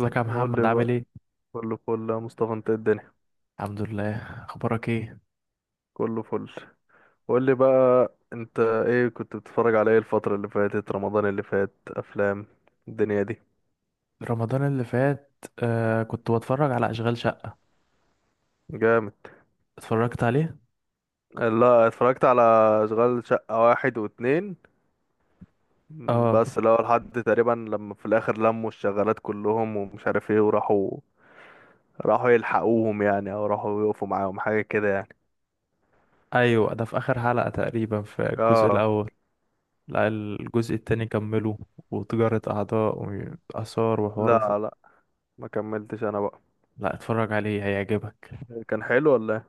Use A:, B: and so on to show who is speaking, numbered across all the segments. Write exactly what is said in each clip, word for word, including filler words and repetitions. A: ازيك يا
B: قول لي
A: محمد؟ عامل
B: بقى.
A: ايه؟
B: كله فل يا مصطفى، انت ايه الدنيا؟
A: الحمد لله. اخبارك ايه؟
B: كله فل. قول لي بقى، انت ايه كنت بتتفرج على ايه الفترة اللي فاتت؟ رمضان اللي فات افلام الدنيا دي؟
A: رمضان اللي فات آه كنت بتفرج على اشغال شقة.
B: جامد.
A: اتفرجت عليه؟
B: لا، اتفرجت على اشغال شقة واحد واتنين. م،
A: اه.
B: بس لو لحد تقريبا لما في الاخر لموا الشغالات كلهم ومش عارف ايه وراحوا. راحوا يلحقوهم يعني او راحوا يقفوا معاهم حاجة كده يعني.
A: ايوه ده في اخر حلقة تقريبا في الجزء
B: اه.
A: الاول. لا الجزء التاني كمله، وتجارة اعضاء، واثار وحوارات.
B: لا لا، ما كملتش انا بقى.
A: لا اتفرج عليه، هيعجبك.
B: كان حلو ولا ايه؟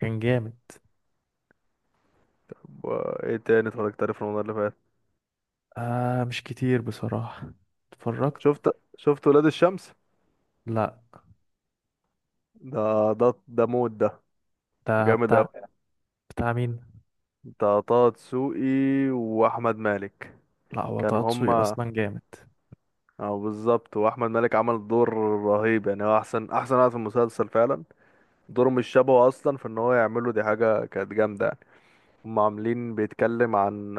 A: كان جامد.
B: طب، آه، ايه تاني اتفرجت عليه في رمضان اللي فات؟
A: آه، مش كتير بصراحة. اتفرجت.
B: شفت. شفت ولاد الشمس؟
A: لا.
B: ده ده ده موت ده.
A: ده
B: جامد
A: بتاع.
B: قوي.
A: بتاع مين؟
B: ده طه دسوقي واحمد مالك.
A: لا هو
B: كان
A: طه دسوقي
B: هما.
A: اصلا جامد.
B: اه بالظبط، واحمد مالك عمل دور رهيب يعني، هو احسن احسن واحد في المسلسل فعلا. دوره مش شبهه اصلا، في ان هو يعمله دي حاجه كانت جامده يعني. هم عاملين بيتكلم عن،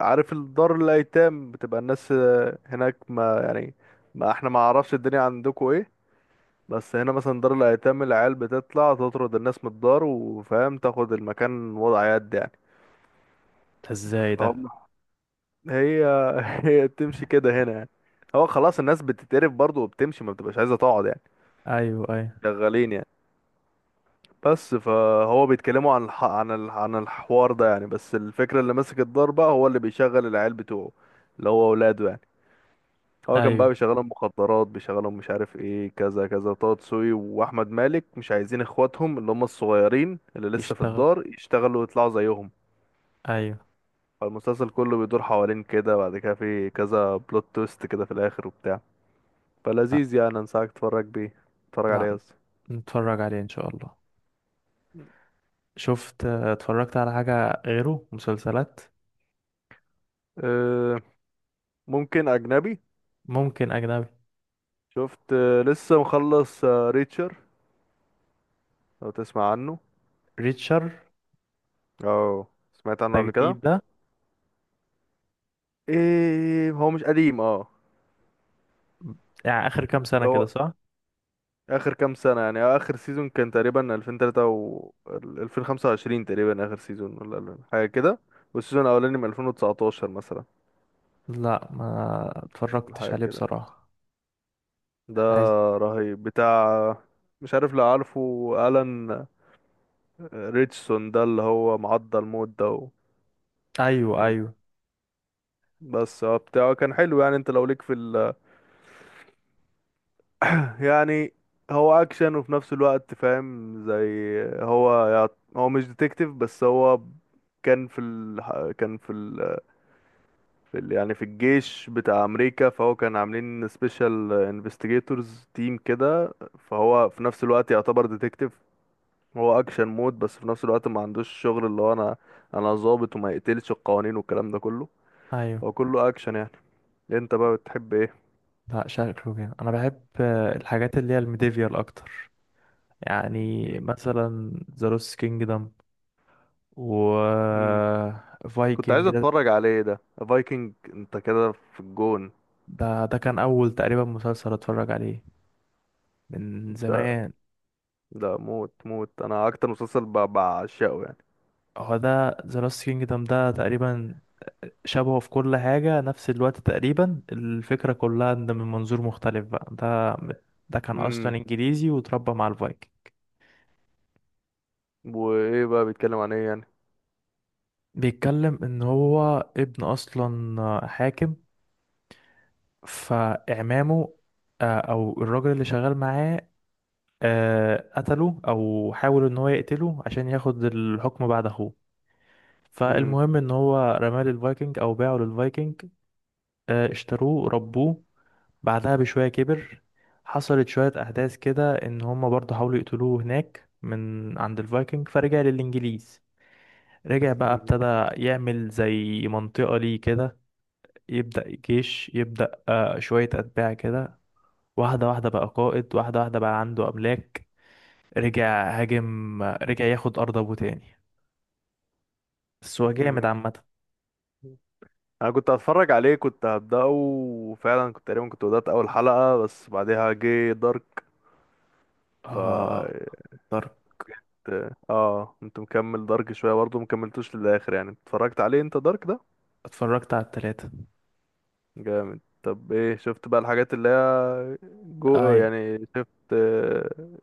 B: عارف الدار الايتام بتبقى الناس هناك ما يعني، ما احنا ما عرفش الدنيا عندكم ايه. بس هنا مثلا دار الايتام، العيال بتطلع تطرد الناس من الدار وفاهم تاخد المكان وضع يد يعني.
A: ده ازاي ده؟
B: فهم. هي. هي بتمشي كده هنا يعني. هو خلاص الناس بتتقرف برضه وبتمشي، ما بتبقاش عايزه تقعد يعني.
A: ايوه، ايوه.
B: شغالين يعني. بس فهو بيتكلموا عن الح... عن ال... عن الحوار ده يعني. بس الفكره، اللي ماسك الدار بقى هو اللي بيشغل العيال بتوعه، اللي هو اولاده يعني. هو كان بقى
A: ايوه
B: بيشغلهم مخدرات، بيشغلهم مش عارف ايه، كذا كذا. طه دسوقي واحمد مالك مش عايزين اخواتهم اللي هم الصغيرين اللي لسه في
A: يشتغل.
B: الدار يشتغلوا ويطلعوا زيهم.
A: ايوه.
B: فالمسلسل كله بيدور حوالين كده، بعد كده في كذا بلوت تويست كده في الاخر وبتاع. فلذيذ يعني، انصحك تتفرج بيه. تتفرج
A: لا
B: عليه قصدي.
A: نتفرج عليه ان شاء الله. شفت، اتفرجت على حاجة غيره مسلسلات؟
B: أه. ممكن اجنبي.
A: ممكن اجنبي.
B: شفت آه، لسه مخلص آه، ريتشر؟ لو تسمع عنه.
A: ريتشر؟
B: اه، سمعت عنه
A: ده
B: قبل كده.
A: جديد ده؟
B: ايه هو مش قديم؟ اه
A: يعني اخر كام
B: بس
A: سنة كده،
B: هو
A: صح؟
B: اخر كام سنه يعني، آه، اخر سيزون كان تقريبا ألفين وثلاثة و ألفين وخمسة وعشرين تقريبا اخر سيزون ولا حاجه كده، والسيزون الاولاني من ألفين وتسعتاشر مثلا.
A: لا ما اتفرجتش
B: حاجه
A: عليه
B: كده مش،
A: بصراحة.
B: ده
A: احنا عايز.
B: رهيب بتاع. مش عارف لو عارفه، الان، ريتشسون ده اللي هو معضل موت ده.
A: ايوه،
B: وكان،
A: ايوه،
B: بس هو بتاعه كان حلو يعني. انت لو ليك في ال... يعني هو اكشن وفي نفس الوقت فاهم زي، هو يعت- هو مش ديتكتيف بس هو كان في ال... كان في في ال- يعني في الجيش بتاع امريكا. فهو كان عاملين سبيشال انفستيجيتورز تيم كده، فهو في نفس الوقت يعتبر ديتكتيف. هو اكشن مود، بس في نفس الوقت ما عندوش شغل اللي هو، انا انا ضابط وما يقتلش القوانين والكلام ده كله.
A: ايوه.
B: هو كله اكشن يعني. انت بقى بتحب ايه؟
A: لا شكله جامد. انا بحب آه، الحاجات اللي هي الميديفيال اكتر. يعني
B: مم.
A: مثلا ذا لوست كينجدم، و
B: مم. كنت عايز
A: فايكنج. ده
B: اتفرج عليه ده، فايكنج. انت كده في الجون.
A: ده ده كان اول تقريبا مسلسل اتفرج عليه من
B: ده،
A: زمان.
B: ده موت موت، انا اكتر مسلسل ب- بعشقه يعني.
A: هو ده ذا لاست كينجدم ده تقريبا شبهه في كل حاجة، نفس الوقت تقريبا، الفكرة كلها ان من منظور مختلف بقى. ده ده كان
B: امم.
A: اصلا انجليزي وتربى مع الفايكنج.
B: وايه بقى بيتكلم عن ايه يعني؟
A: بيتكلم ان هو ابن اصلا حاكم، فاعمامه، آه، او الراجل اللي شغال معاه، آه، قتله، او حاول ان هو يقتله عشان ياخد الحكم بعد اخوه. فالمهم ان هو رماه للفايكنج، او باعه للفايكنج. آه، اشتروه، ربوه. بعدها بشوية كبر. حصلت شوية أحداث كده إن هما برضه حاولوا يقتلوه هناك من عند الفايكنج، فرجع للإنجليز. رجع بقى ابتدى يعمل زي منطقة ليه كده، يبدأ جيش، يبدأ آه، شوية أتباع كده، واحدة واحدة بقى قائد، واحدة واحدة بقى عنده أملاك. رجع هاجم، رجع ياخد أرض أبوه تاني. بس هو جامد
B: امم.
A: عامة.
B: انا كنت هتفرج عليه، كنت هبدأه وفعلا كنت تقريبا، كنت بدأت اول حلقة بس بعدها جه دارك. ف
A: آه اتفرجت.
B: اه كنت مكمل دارك شوية برضه، مكملتوش للآخر يعني. اتفرجت عليه انت دارك ده؟
A: اتفرجت على التلاتة.
B: جامد. طب ايه شفت بقى الحاجات اللي هي جو
A: أي
B: يعني؟ شفت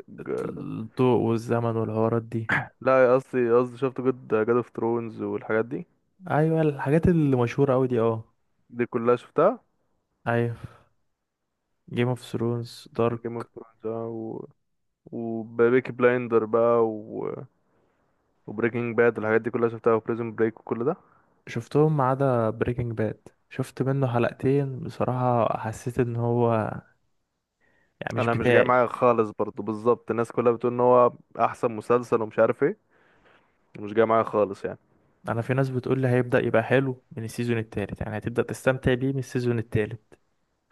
B: ج...
A: الضوء والزمن والحوارات دي؟
B: لا قصدي قصدي، شفت جود جاد اوف ثرونز والحاجات دي؟
A: ايوه الحاجات اللي مشهوره قوي دي، اه.
B: دي كلها شفتها.
A: ايوه، جيم اوف ثرونز،
B: جيم اوف
A: دارك.
B: ثرونز و... وبيكي بلايندر بقى و... وبريكنج باد، الحاجات دي كلها شفتها، وبريزون بريك وكل ده.
A: شفتهم ما عدا بريكنج باد، شفت منه حلقتين بصراحه، حسيت ان هو يعني مش
B: انا مش جاي
A: بتاعي.
B: معايا خالص برضو. بالظبط الناس كلها بتقول ان هو احسن مسلسل ومش عارف ايه، مش جاي معايا خالص يعني.
A: انا في ناس بتقول لي هيبدا يبقى حلو من السيزون التالت، يعني هتبدا تستمتع بيه من السيزون التالت.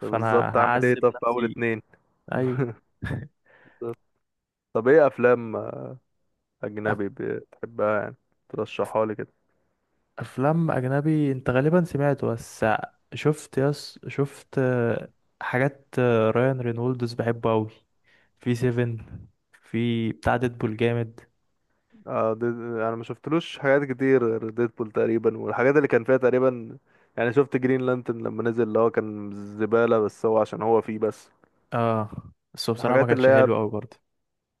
B: طب بالظبط اعمل ايه؟
A: هعذب
B: طب في اول
A: نفسي.
B: اتنين.
A: ايوه.
B: طب ايه افلام
A: أف-
B: اجنبي بتحبها يعني؟
A: أف-
B: ترشحها لي كده.
A: افلام اجنبي انت غالبا سمعته. بس شفت يس، شفت آه، حاجات. آه، رايان رينولدز بحبه قوي في سيفن، في بتاع ديدبول جامد.
B: آه دي... انا ما شفتلوش حاجات كتير غير ديدبول تقريبا والحاجات اللي كان فيها تقريبا يعني. شفت جرين لانترن لما نزل، اللي هو كان زبالة بس هو عشان هو فيه بس.
A: اه بس هو بصراحة ما
B: الحاجات اللي
A: كانش
B: هي،
A: حلو قوي برضه.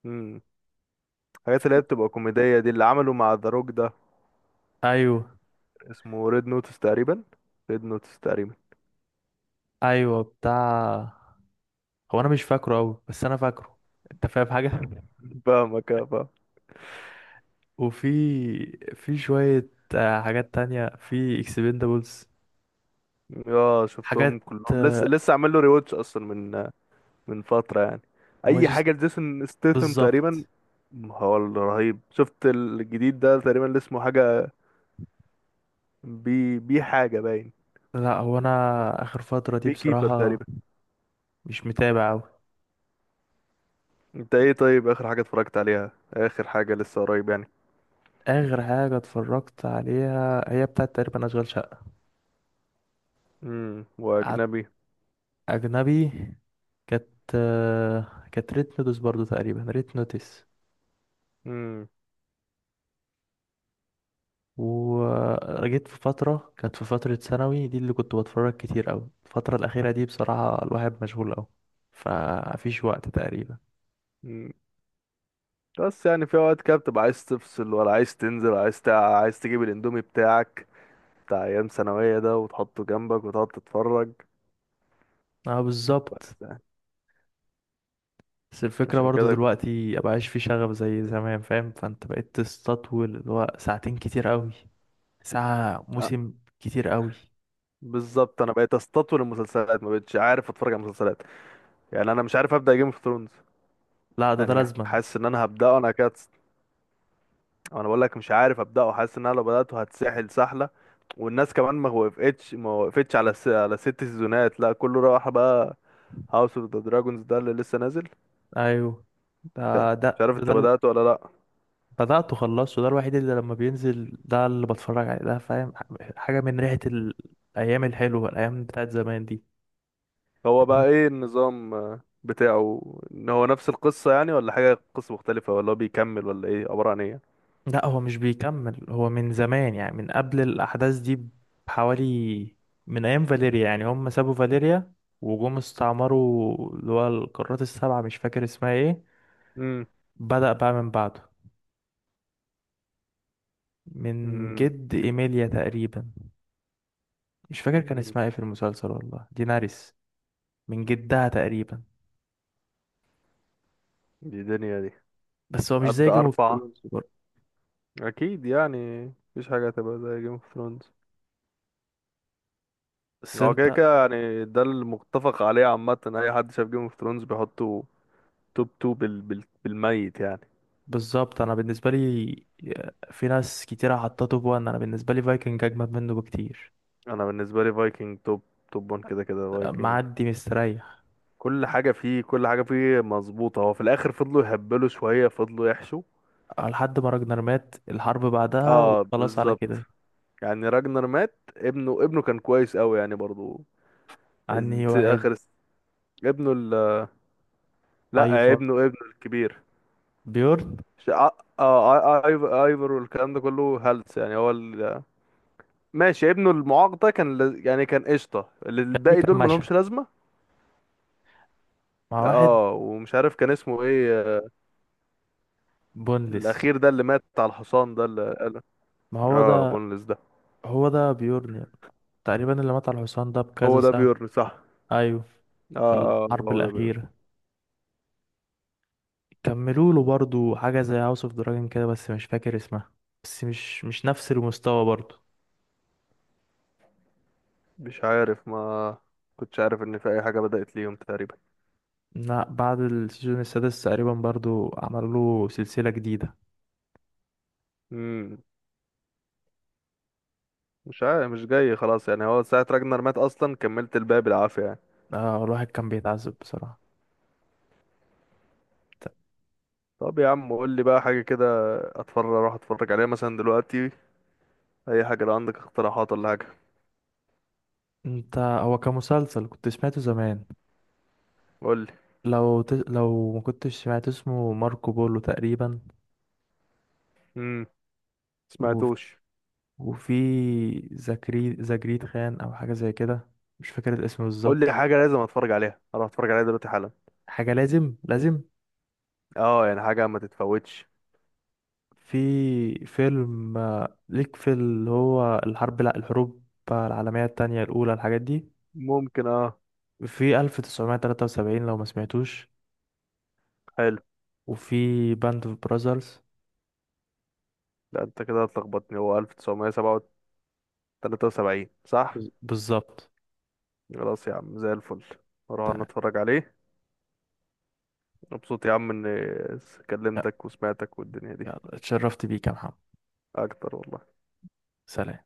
B: مم. الحاجات اللي هي
A: في-
B: بتبقى كوميدية دي اللي عملوا مع ذا روك ده،
A: ايوه،
B: اسمه ريد نوتس تقريبا. ريد نوتس تقريبا.
A: ايوه بتاع. هو انا مش فاكره قوي بس انا فاكره. انت فاهم حاجة.
B: فاهمك، اه فاهم.
A: وفي، في شوية آه، حاجات تانية. في اكسبندابلز،
B: اه
A: حاجات.
B: شفتهم كلهم، لسه
A: آه،
B: لسه عامل له ريواتش اصلا من من فتره يعني،
A: هو
B: اي
A: جس،
B: حاجه لجيسون ستيثم تقريبا.
A: بالظبط.
B: هو الرهيب، شفت الجديد ده تقريبا اللي اسمه حاجه، بي بي حاجه باين،
A: لا هو انا اخر فترة دي
B: بي كيبر
A: بصراحة
B: تقريبا.
A: مش متابع قوي.
B: انت ايه طيب، اخر حاجه اتفرجت عليها؟ اخر حاجه لسه قريب يعني.
A: اخر حاجة اتفرجت عليها هي بتاعت تقريبا اشغال شقة.
B: امم. واجنبي.
A: اجنبي، كانت آه، كانت ريت نوتس برضو، تقريبا ريت نوتس.
B: امم.
A: وجيت في فترة، كانت في فترة ثانوي دي اللي كنت بتفرج كتير أوي. الفترة الأخيرة دي بصراحة الواحد مشغول أوي، فمفيش وقت تقريبا.
B: أمم. بس يعني في اوقات كده بتبقى عايز تفصل، ولا عايز تنزل، ولا عايز تع... عايز تجيب الاندومي بتاعك بتاع ايام ثانويه ده، وتحطه جنبك وتقعد تتفرج.
A: اه بالظبط.
B: بس
A: بس الفكرة
B: عشان
A: برضو
B: كده كنت.
A: دلوقتي مبقاش في شغف زي زمان، فاهم؟ فانت بقيت تستطول اللي هو ساعتين كتير أوي. ساعة،
B: آه.
A: موسم، كتير أوي.
B: بالظبط، انا بقيت استطول المسلسلات، ما بقتش عارف اتفرج على مسلسلات يعني. انا مش عارف ابدا جيم اوف ثرونز
A: لا ده ده
B: يعني،
A: لازما.
B: حاسس ان انا هبداه انا كده. انا بقول لك مش عارف ابداه، حاسس ان انا لو بداته هتسحل سحله. والناس كمان ما وقفتش ما وقفتش على س... على ست سيزونات، لا كله راح بقى. هاوس اوف ذا دراجونز ده اللي لسه نازل،
A: أيوه. ده
B: مش
A: ده
B: عارف
A: ده,
B: انت
A: ده
B: بدأته ولا لا؟
A: بدأت وخلصته. ده الوحيد اللي لما بينزل ده اللي بتفرج عليه، ده فاهم حاجة من ريحة ال- الأيام الحلوة، الأيام بتاعت زمان دي.
B: هو بقى ايه النظام آه، بتاعه؟ ان هو نفس القصة يعني ولا حاجة قصة مختلفة؟ ولا هو بيكمل ولا ايه عبارة عن ايه؟
A: لا هو مش بيكمل. هو من زمان، يعني من قبل الأحداث دي بحوالي، من أيام فاليريا. يعني هم سابوا فاليريا وجم استعمروا اللي هو القارات السبعة، مش فاكر اسمها ايه. بدأ بقى من بعده، من
B: امم.
A: جد إيميليا تقريبا. مش فاكر كان
B: مم.
A: اسمها ايه في المسلسل، والله ديناريس، من جدها تقريبا.
B: دي دنيا دي.
A: بس هو مش زي
B: أبدأ
A: جيم اوف
B: أربعة.
A: ثرونز.
B: أكيد يعني، مفيش حاجة هتبقى زي جيم اوف ثرونز.
A: بس
B: هو كده
A: انت
B: كده يعني، ده المتفق عليه عامة، أي حد شاف جيم اوف ثرونز بيحطه توب تو بال... بال... بالميت يعني.
A: بالظبط، انا بالنسبه لي، في ناس كتير حطته بوان، انا بالنسبه لي فايكنج اجمد منه بكتير.
B: أنا بالنسبة لي فايكنج توب توب وان كده كده فايكنج.
A: معدي مستريح
B: كل حاجة فيه كل حاجة فيه مظبوطة. هو في الآخر فضلوا يهبلوا شوية، فضلوا يحشوا.
A: لحد ما راجنر مات، الحرب بعدها
B: اه
A: وخلاص على
B: بالظبط.
A: كده.
B: يعني راجنر مات، ابنه ابنه كان كويس قوي يعني برضو.
A: عني
B: الس-
A: واحد.
B: آخر الس- ابنه ال... لا،
A: ايفر،
B: ابنه ابنه الكبير.
A: بيورن.
B: ش- اه آه، آي- آي- ايفر والكلام ده كله هلس يعني. هو ال... ماشي، ابنه المعاق ده كان لز... يعني كان قشطه، ال-
A: كان ليه
B: الباقي
A: كام
B: دول
A: مشهد
B: ملهمش لازمه.
A: مع واحد.
B: اه ومش عارف كان اسمه ايه، آه،
A: بونلس.
B: الاخير ده اللي مات على الحصان ده اللي قال.
A: ما هو
B: اه
A: ده.
B: بونلس ده.
A: هو ده بيورن يعني. تقريبا اللي مات على الحصان ده بكذا
B: هو ده
A: سنه.
B: بيورن صح.
A: ايوه، في
B: اه اه
A: الحرب
B: هو ده بيورن.
A: الاخيره. كملوا له برضو حاجه زي هاوس اوف دراجون كده، بس مش فاكر اسمها. بس مش مش نفس المستوى برضو.
B: مش عارف، ما كنتش عارف ان في اي حاجه بدات ليهم تقريبا.
A: لا بعد السيزون السادس تقريبا برضو عملوا له سلسلة جديدة.
B: امم. مش عارف، مش جاي خلاص يعني. هو ساعه راجنر مات اصلا كملت الباقي بالعافيه يعني.
A: آه، الواحد كان بيتعذب بصراحة. ت-
B: طب يا عم، قول لي بقى حاجه كده، اتفرج، اروح اتفرج عليها مثلا دلوقتي، اي حاجه لو عندك اقتراحات ولا حاجه.
A: انت هو كمسلسل كنت سمعته زمان،
B: قول لي.
A: لو ت... لو ما كنتش سمعت اسمه ماركو بولو تقريبا.
B: امم.
A: و...
B: سمعتوش.
A: وفي زكري زجريد خان او حاجة زي كده، مش فاكر الاسم
B: قول لي
A: بالظبط.
B: حاجه لازم اتفرج عليها، اروح اتفرج عليها دلوقتي حالا.
A: حاجة لازم لازم.
B: اه يعني حاجه ما تتفوتش.
A: في فيلم آه، ليك في اللي هو الحرب، لا الحروب العالمية التانية، الأولى، الحاجات دي.
B: ممكن اه.
A: في ألف وتسعمية وتلاتة وسبعين لو ما سمعتوش.
B: حلو.
A: وفي باند اوف براذرز.
B: لا انت كده هتلخبطني، هو ألف وتسعمائة وثلاثة وسبعين صح.
A: بز- بالظبط.
B: خلاص يا عم زي الفل، اروح انا
A: تمام.
B: اتفرج عليه. مبسوط يا عم اني كلمتك وسمعتك والدنيا دي.
A: يلا، اتشرفت بيك يا محمد.
B: اكتر والله.
A: سلام.